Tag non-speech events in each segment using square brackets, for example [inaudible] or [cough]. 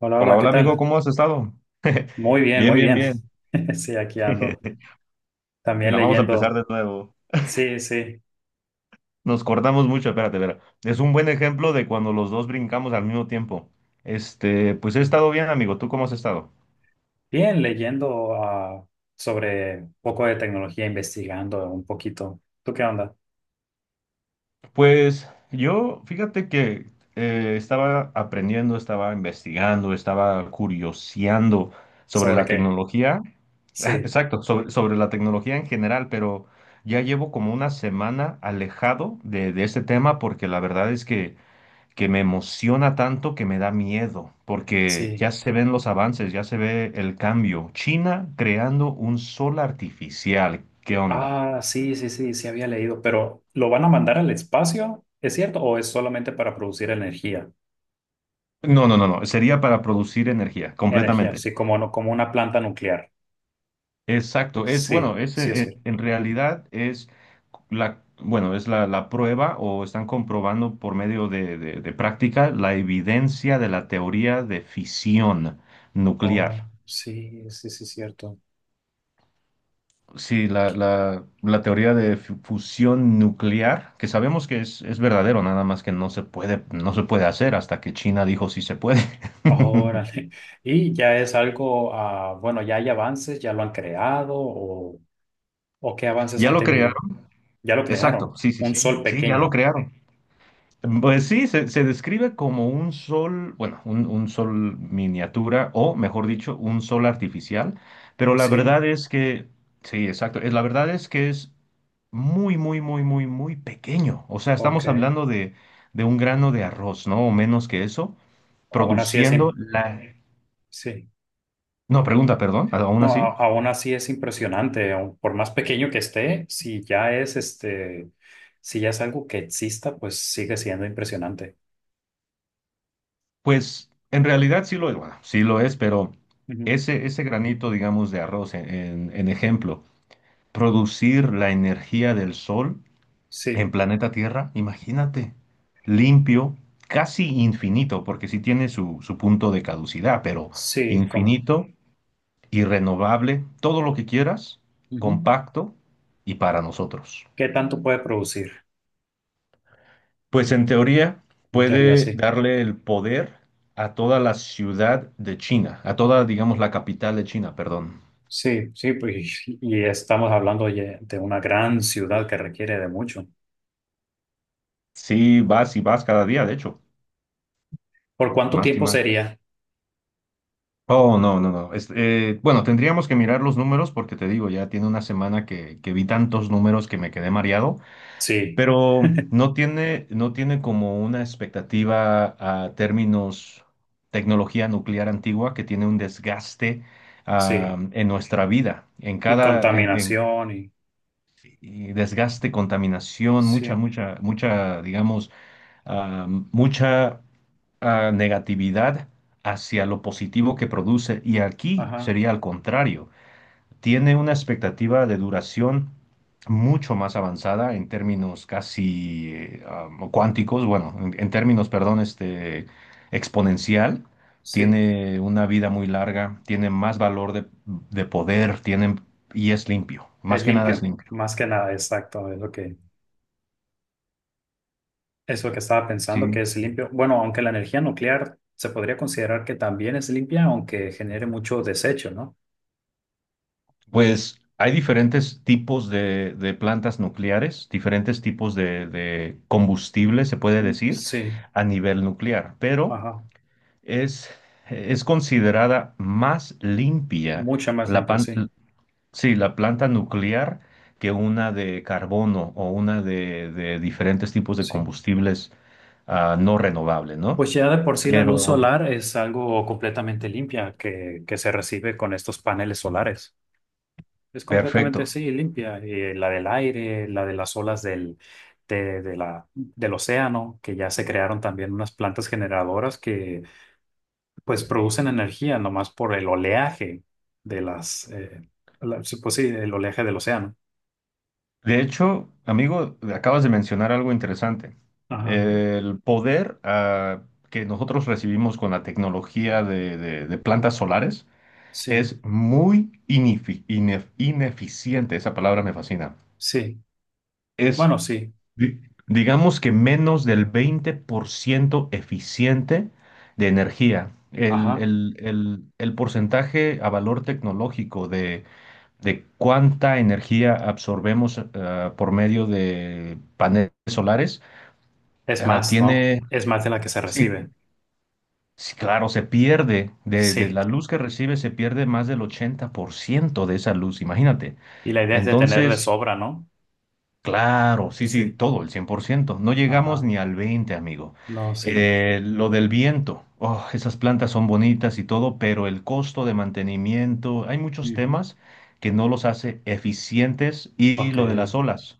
Hola, Hola, hola, ¿qué hola amigo, tal? ¿cómo has estado? [laughs] Muy bien, Bien, muy bien, bien. bien. [laughs] Sí, aquí ando. [laughs] También Mira, vamos a empezar leyendo, de nuevo. sí, sí, Nos cortamos mucho, espérate, espera. Es un buen ejemplo de cuando los dos brincamos al mismo tiempo. Este, pues he sí. estado bien, amigo. ¿Tú cómo has estado? Bien, leyendo sobre un poco de tecnología, investigando un poquito. ¿Tú qué onda? Pues yo, fíjate que estaba aprendiendo, estaba investigando, estaba curioseando sobre ¿Sobre la qué? tecnología. [laughs] Sí, Exacto, sobre la tecnología en general, pero ya llevo como una semana alejado de este tema porque la verdad es que me emociona tanto que me da miedo, porque sí. ya se ven los avances, ya se ve el cambio. China creando un sol artificial, ¿qué onda? Sí, sí, sí, sí había leído, pero ¿lo van a mandar al espacio? ¿Es cierto? ¿O es solamente para producir energía? No, no, no, no, sería para producir energía, Energía, completamente. sí, como, no, como una planta nuclear. Exacto, es Sí, bueno, es, sí, es cierto. en realidad es la, bueno, es la, la prueba o están comprobando por medio de práctica la evidencia de la teoría de fisión Oh, nuclear. sí, sí, sí, es cierto. Sí, la teoría de fusión nuclear, que sabemos que es verdadero, nada más que no se puede, no se puede hacer hasta que China dijo sí se puede. [laughs] Órale. Y ya es algo, bueno, ya hay avances, ya lo han creado o qué avances Ya han lo tenido. crearon. Ya lo Exacto, crearon, sí, sí, un sí, sol sí, ya lo pequeño, crearon. Pues sí, se describe como un sol, bueno, un sol miniatura, o mejor dicho, un sol artificial, pero la ¿sí? verdad es que, sí, exacto, la verdad es que es muy, muy, muy, muy, muy pequeño. O sea, Ok. estamos hablando de un grano de arroz, ¿no? O menos que eso, Aún así es, produciendo im- la... sí. No, pregunta, perdón, aún No, así. Aún así es impresionante, aun por más pequeño que esté, si ya es algo que exista, pues sigue siendo impresionante. Pues en realidad sí lo es, bueno, sí lo es, pero Ujú. ese granito, digamos, de arroz, en ejemplo, producir la energía del sol en Sí, planeta Tierra, imagínate, limpio, casi infinito, porque sí tiene su punto de caducidad, pero sí, como, infinito, y renovable, todo lo que quieras, ujú. compacto y para nosotros. ¿Qué tanto puede producir? Pues en teoría En teoría, puede sí. darle el poder a toda la ciudad de China, a toda, digamos, la capital de China, perdón. Sí, sí, pues, [laughs] y estamos hablando de una gran ciudad que requiere de mucho. Sí, vas y vas cada día, de hecho, ¿Por cuánto más y tiempo más. sería? Oh, no, no, no. Bueno, tendríamos que mirar los números porque te digo, ya tiene una semana que vi tantos números que me quedé mareado. Sí, Pero no [laughs] tiene, no tiene como una expectativa a términos tecnología nuclear antigua que tiene un desgaste sí. en nuestra vida, en Y cada contaminación y y desgaste, contaminación, mucha, sí, mucha, mucha, digamos, ah, mucha negatividad hacia lo positivo que produce. Y aquí ajá, sería al contrario, tiene una expectativa de duración mucho más avanzada en términos casi cuánticos, bueno, en términos, perdón, este, exponencial. sí. Tiene una vida muy larga, tiene más valor de poder, tiene, y es limpio, más Es que nada es limpio, limpio. más que nada, exacto, es lo que estaba pensando, que Sí. es limpio. Bueno, aunque la energía nuclear se podría considerar que también es limpia, aunque genere mucho desecho, ¿no? Pues hay diferentes tipos de plantas nucleares, diferentes tipos de combustible, se puede Mm, decir, sí, a nivel nuclear, pero ajá, Es, es considerada más limpia, mucha más la, limpia, pan- sí, sí, la planta nuclear que una de carbono o una de diferentes tipos de sí. combustibles no renovables, ¿no? Pues ya de por sí la luz Pero, solar es algo completamente limpia que se recibe con estos paneles solares. Es completamente, perfecto. sí, limpia. Y la del aire, la de las olas del, de la, del océano, que ya se crearon también unas plantas generadoras que pues producen energía nomás por el oleaje de las, sí, pues sí, el oleaje del océano. De hecho, amigo, acabas de mencionar algo interesante. Ajá. El poder que nosotros recibimos con la tecnología de plantas solares Sí, es muy ineficiente. Esa palabra me fascina. sí. Es, Bueno, sí. di- digamos que menos del 20% eficiente de energía. El, Ajá. el- el- el porcentaje a valor tecnológico de cuánta energía absorbemos por medio de paneles solares Es más, ¿no? tiene, Es más de la que se sí, recibe. sí, claro, se pierde, de Sí. la luz que recibe se pierde más del 80% de esa luz, imagínate. Y la idea es de tener de Entonces, sobra, ¿no? claro, sí, sí, Sí. todo, el 100%. No llegamos Ajá. ni al 20, amigo. No, sí. Lo del viento, oh, esas plantas son bonitas y todo, pero el costo de mantenimiento, hay muchos Ujú. temas que no los hace eficientes y Ok. lo de las olas.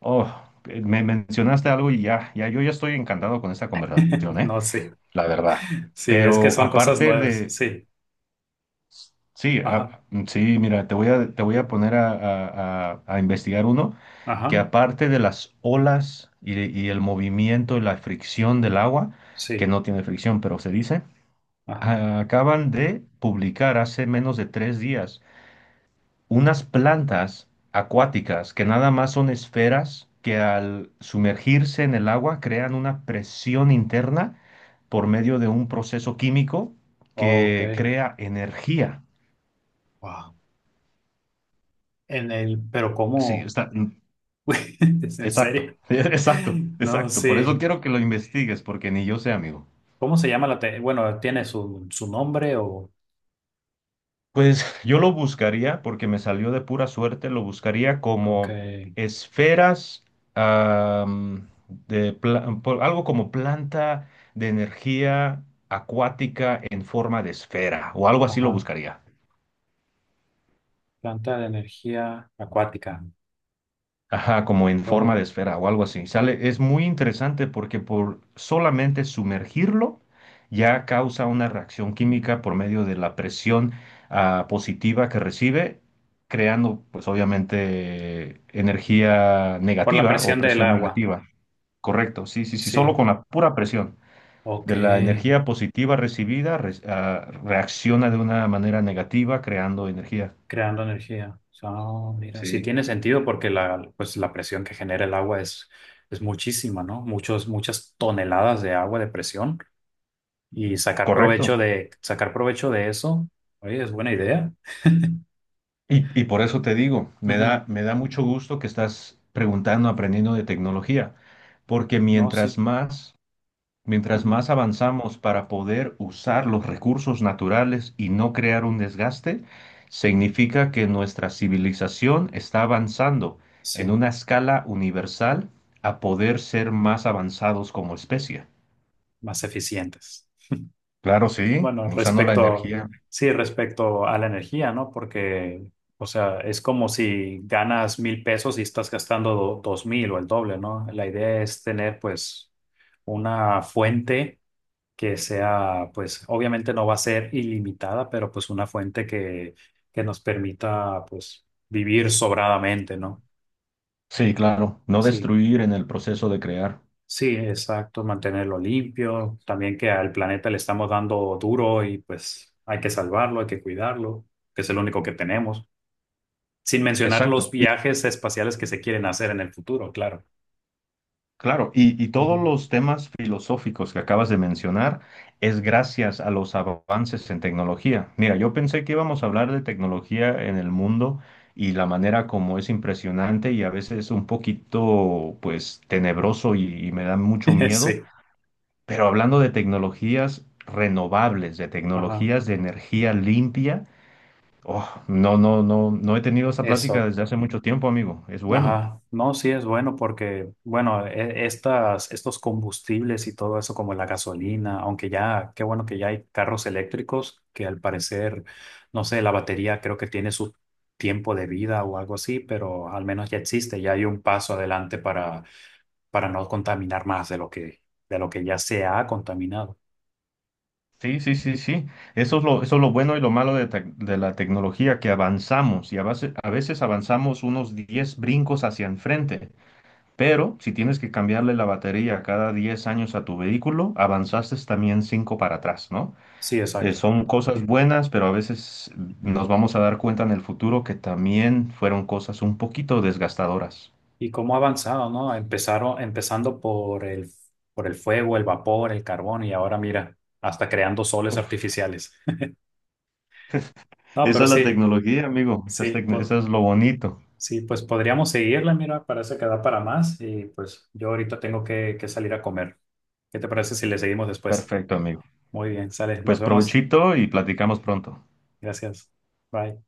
Oh, me mencionaste algo y ya, ya, yo ya estoy encantado con esta conversación, ¿eh? No, sí. La verdad. Sí, es que Pero son cosas aparte nuevas. de, Sí. sí, Ajá. Sí, mira, te voy a poner a investigar uno que Ajá. aparte de las olas y, y el movimiento y la fricción del agua, que Sí. no tiene fricción, pero se dice, Ajá. Acaban de publicar hace menos de 3 días unas plantas acuáticas que nada más son esferas que al sumergirse en el agua crean una presión interna por medio de un proceso químico Ok. que crea energía. Wow. En el, pero Sí, ¿cómo? está. [laughs] ¿Es en Exacto, serio? [laughs] exacto, No, exacto. Por eso sí. quiero que lo investigues, porque ni yo sé, amigo. ¿Cómo se llama la te- Bueno, ¿tiene su, su nombre o...? Pues yo lo buscaría, porque me salió de pura suerte, lo buscaría Ok. como esferas, am, algo como planta de energía acuática en forma de esfera, o algo así lo Ajá. buscaría. Planta de energía acuática. Ajá, como en forma Podría- de esfera o algo así. Sale, es muy interesante porque por solamente sumergirlo ya causa una reacción química por medio de la presión positiva que recibe, creando pues obviamente energía Por la negativa o presión del presión agua. negativa. Correcto, sí, sí, sí, Sí. solo con la pura presión Ok. de la energía positiva recibida reacciona de una manera negativa creando energía. Creando energía. Ah, mira, sí Sí. tiene sentido porque la, pues, la presión que genera el agua es muchísima, ¿no? Muchas toneladas de agua de presión y Correcto. Sacar provecho de eso, oye, es buena idea. Y por eso te digo, me Ujú. da, me da mucho gusto que estás preguntando, aprendiendo de tecnología, porque No, sí, mientras más, mientras ujú. más avanzamos para poder usar los recursos naturales y no crear un desgaste, significa que nuestra civilización está avanzando en Sí, una escala universal a poder ser más avanzados como especie. más eficientes. Claro, sí, Bueno, usando la respecto, energía. sí, respecto a la energía, ¿no? Porque, o sea, es como si ganas mil pesos y estás gastando dos mil o el doble, ¿no? La idea es tener, pues, una fuente que sea, pues, obviamente no va a ser ilimitada, pero pues una fuente que nos permita, pues, vivir sobradamente, ¿no? Sí, claro, no Sí. destruir en el proceso de crear. Sí, exacto, mantenerlo limpio, también que al planeta le estamos dando duro y pues hay que salvarlo, hay que cuidarlo, que es el único que tenemos, sin mencionar los Exacto. viajes espaciales que se quieren hacer en el futuro, claro. Claro, y todos Ujú. los temas filosóficos que acabas de mencionar es gracias a los avances en tecnología. Mira, yo pensé que íbamos a hablar de tecnología en el mundo y la manera como es impresionante y a veces un poquito, pues, tenebroso y me da mucho [laughs] miedo, Sí, pero hablando de tecnologías renovables, de ajá. tecnologías de energía limpia, oh, no, no, no, no he tenido esa plática Eso, desde hace mucho tiempo, amigo. Es bueno. ajá, no, sí es bueno porque, bueno, estos combustibles y todo eso como la gasolina, aunque ya, qué bueno que ya hay carros eléctricos que al parecer, no sé, la batería creo que tiene su tiempo de vida o algo así, pero al menos ya existe, ya hay un paso adelante para no contaminar más de lo que ya se ha contaminado. Sí, sí, sí, sí. Eso es lo bueno y lo malo de la tecnología, que avanzamos y a veces avanzamos unos 10 brincos hacia enfrente, pero si tienes que cambiarle la batería cada 10 años a tu vehículo, avanzaste también 5 para atrás, ¿no? Sí, exacto. Son cosas buenas, pero a veces nos vamos a dar cuenta en el futuro que también fueron cosas un poquito desgastadoras. Y cómo ha avanzado, ¿no? Empezando por el fuego, el vapor, el carbón y ahora mira, hasta creando soles Uf, artificiales. No, esa pero es la sí, tecnología, amigo. Esa es, sí, pues, esa es lo bonito. sí, pues podríamos seguirla, mira, parece que da para más y pues yo ahorita tengo que salir a comer. ¿Qué te parece si le seguimos después? Perfecto, amigo. Muy bien, sale, nos Pues vemos. provechito y platicamos pronto. Gracias. Bye.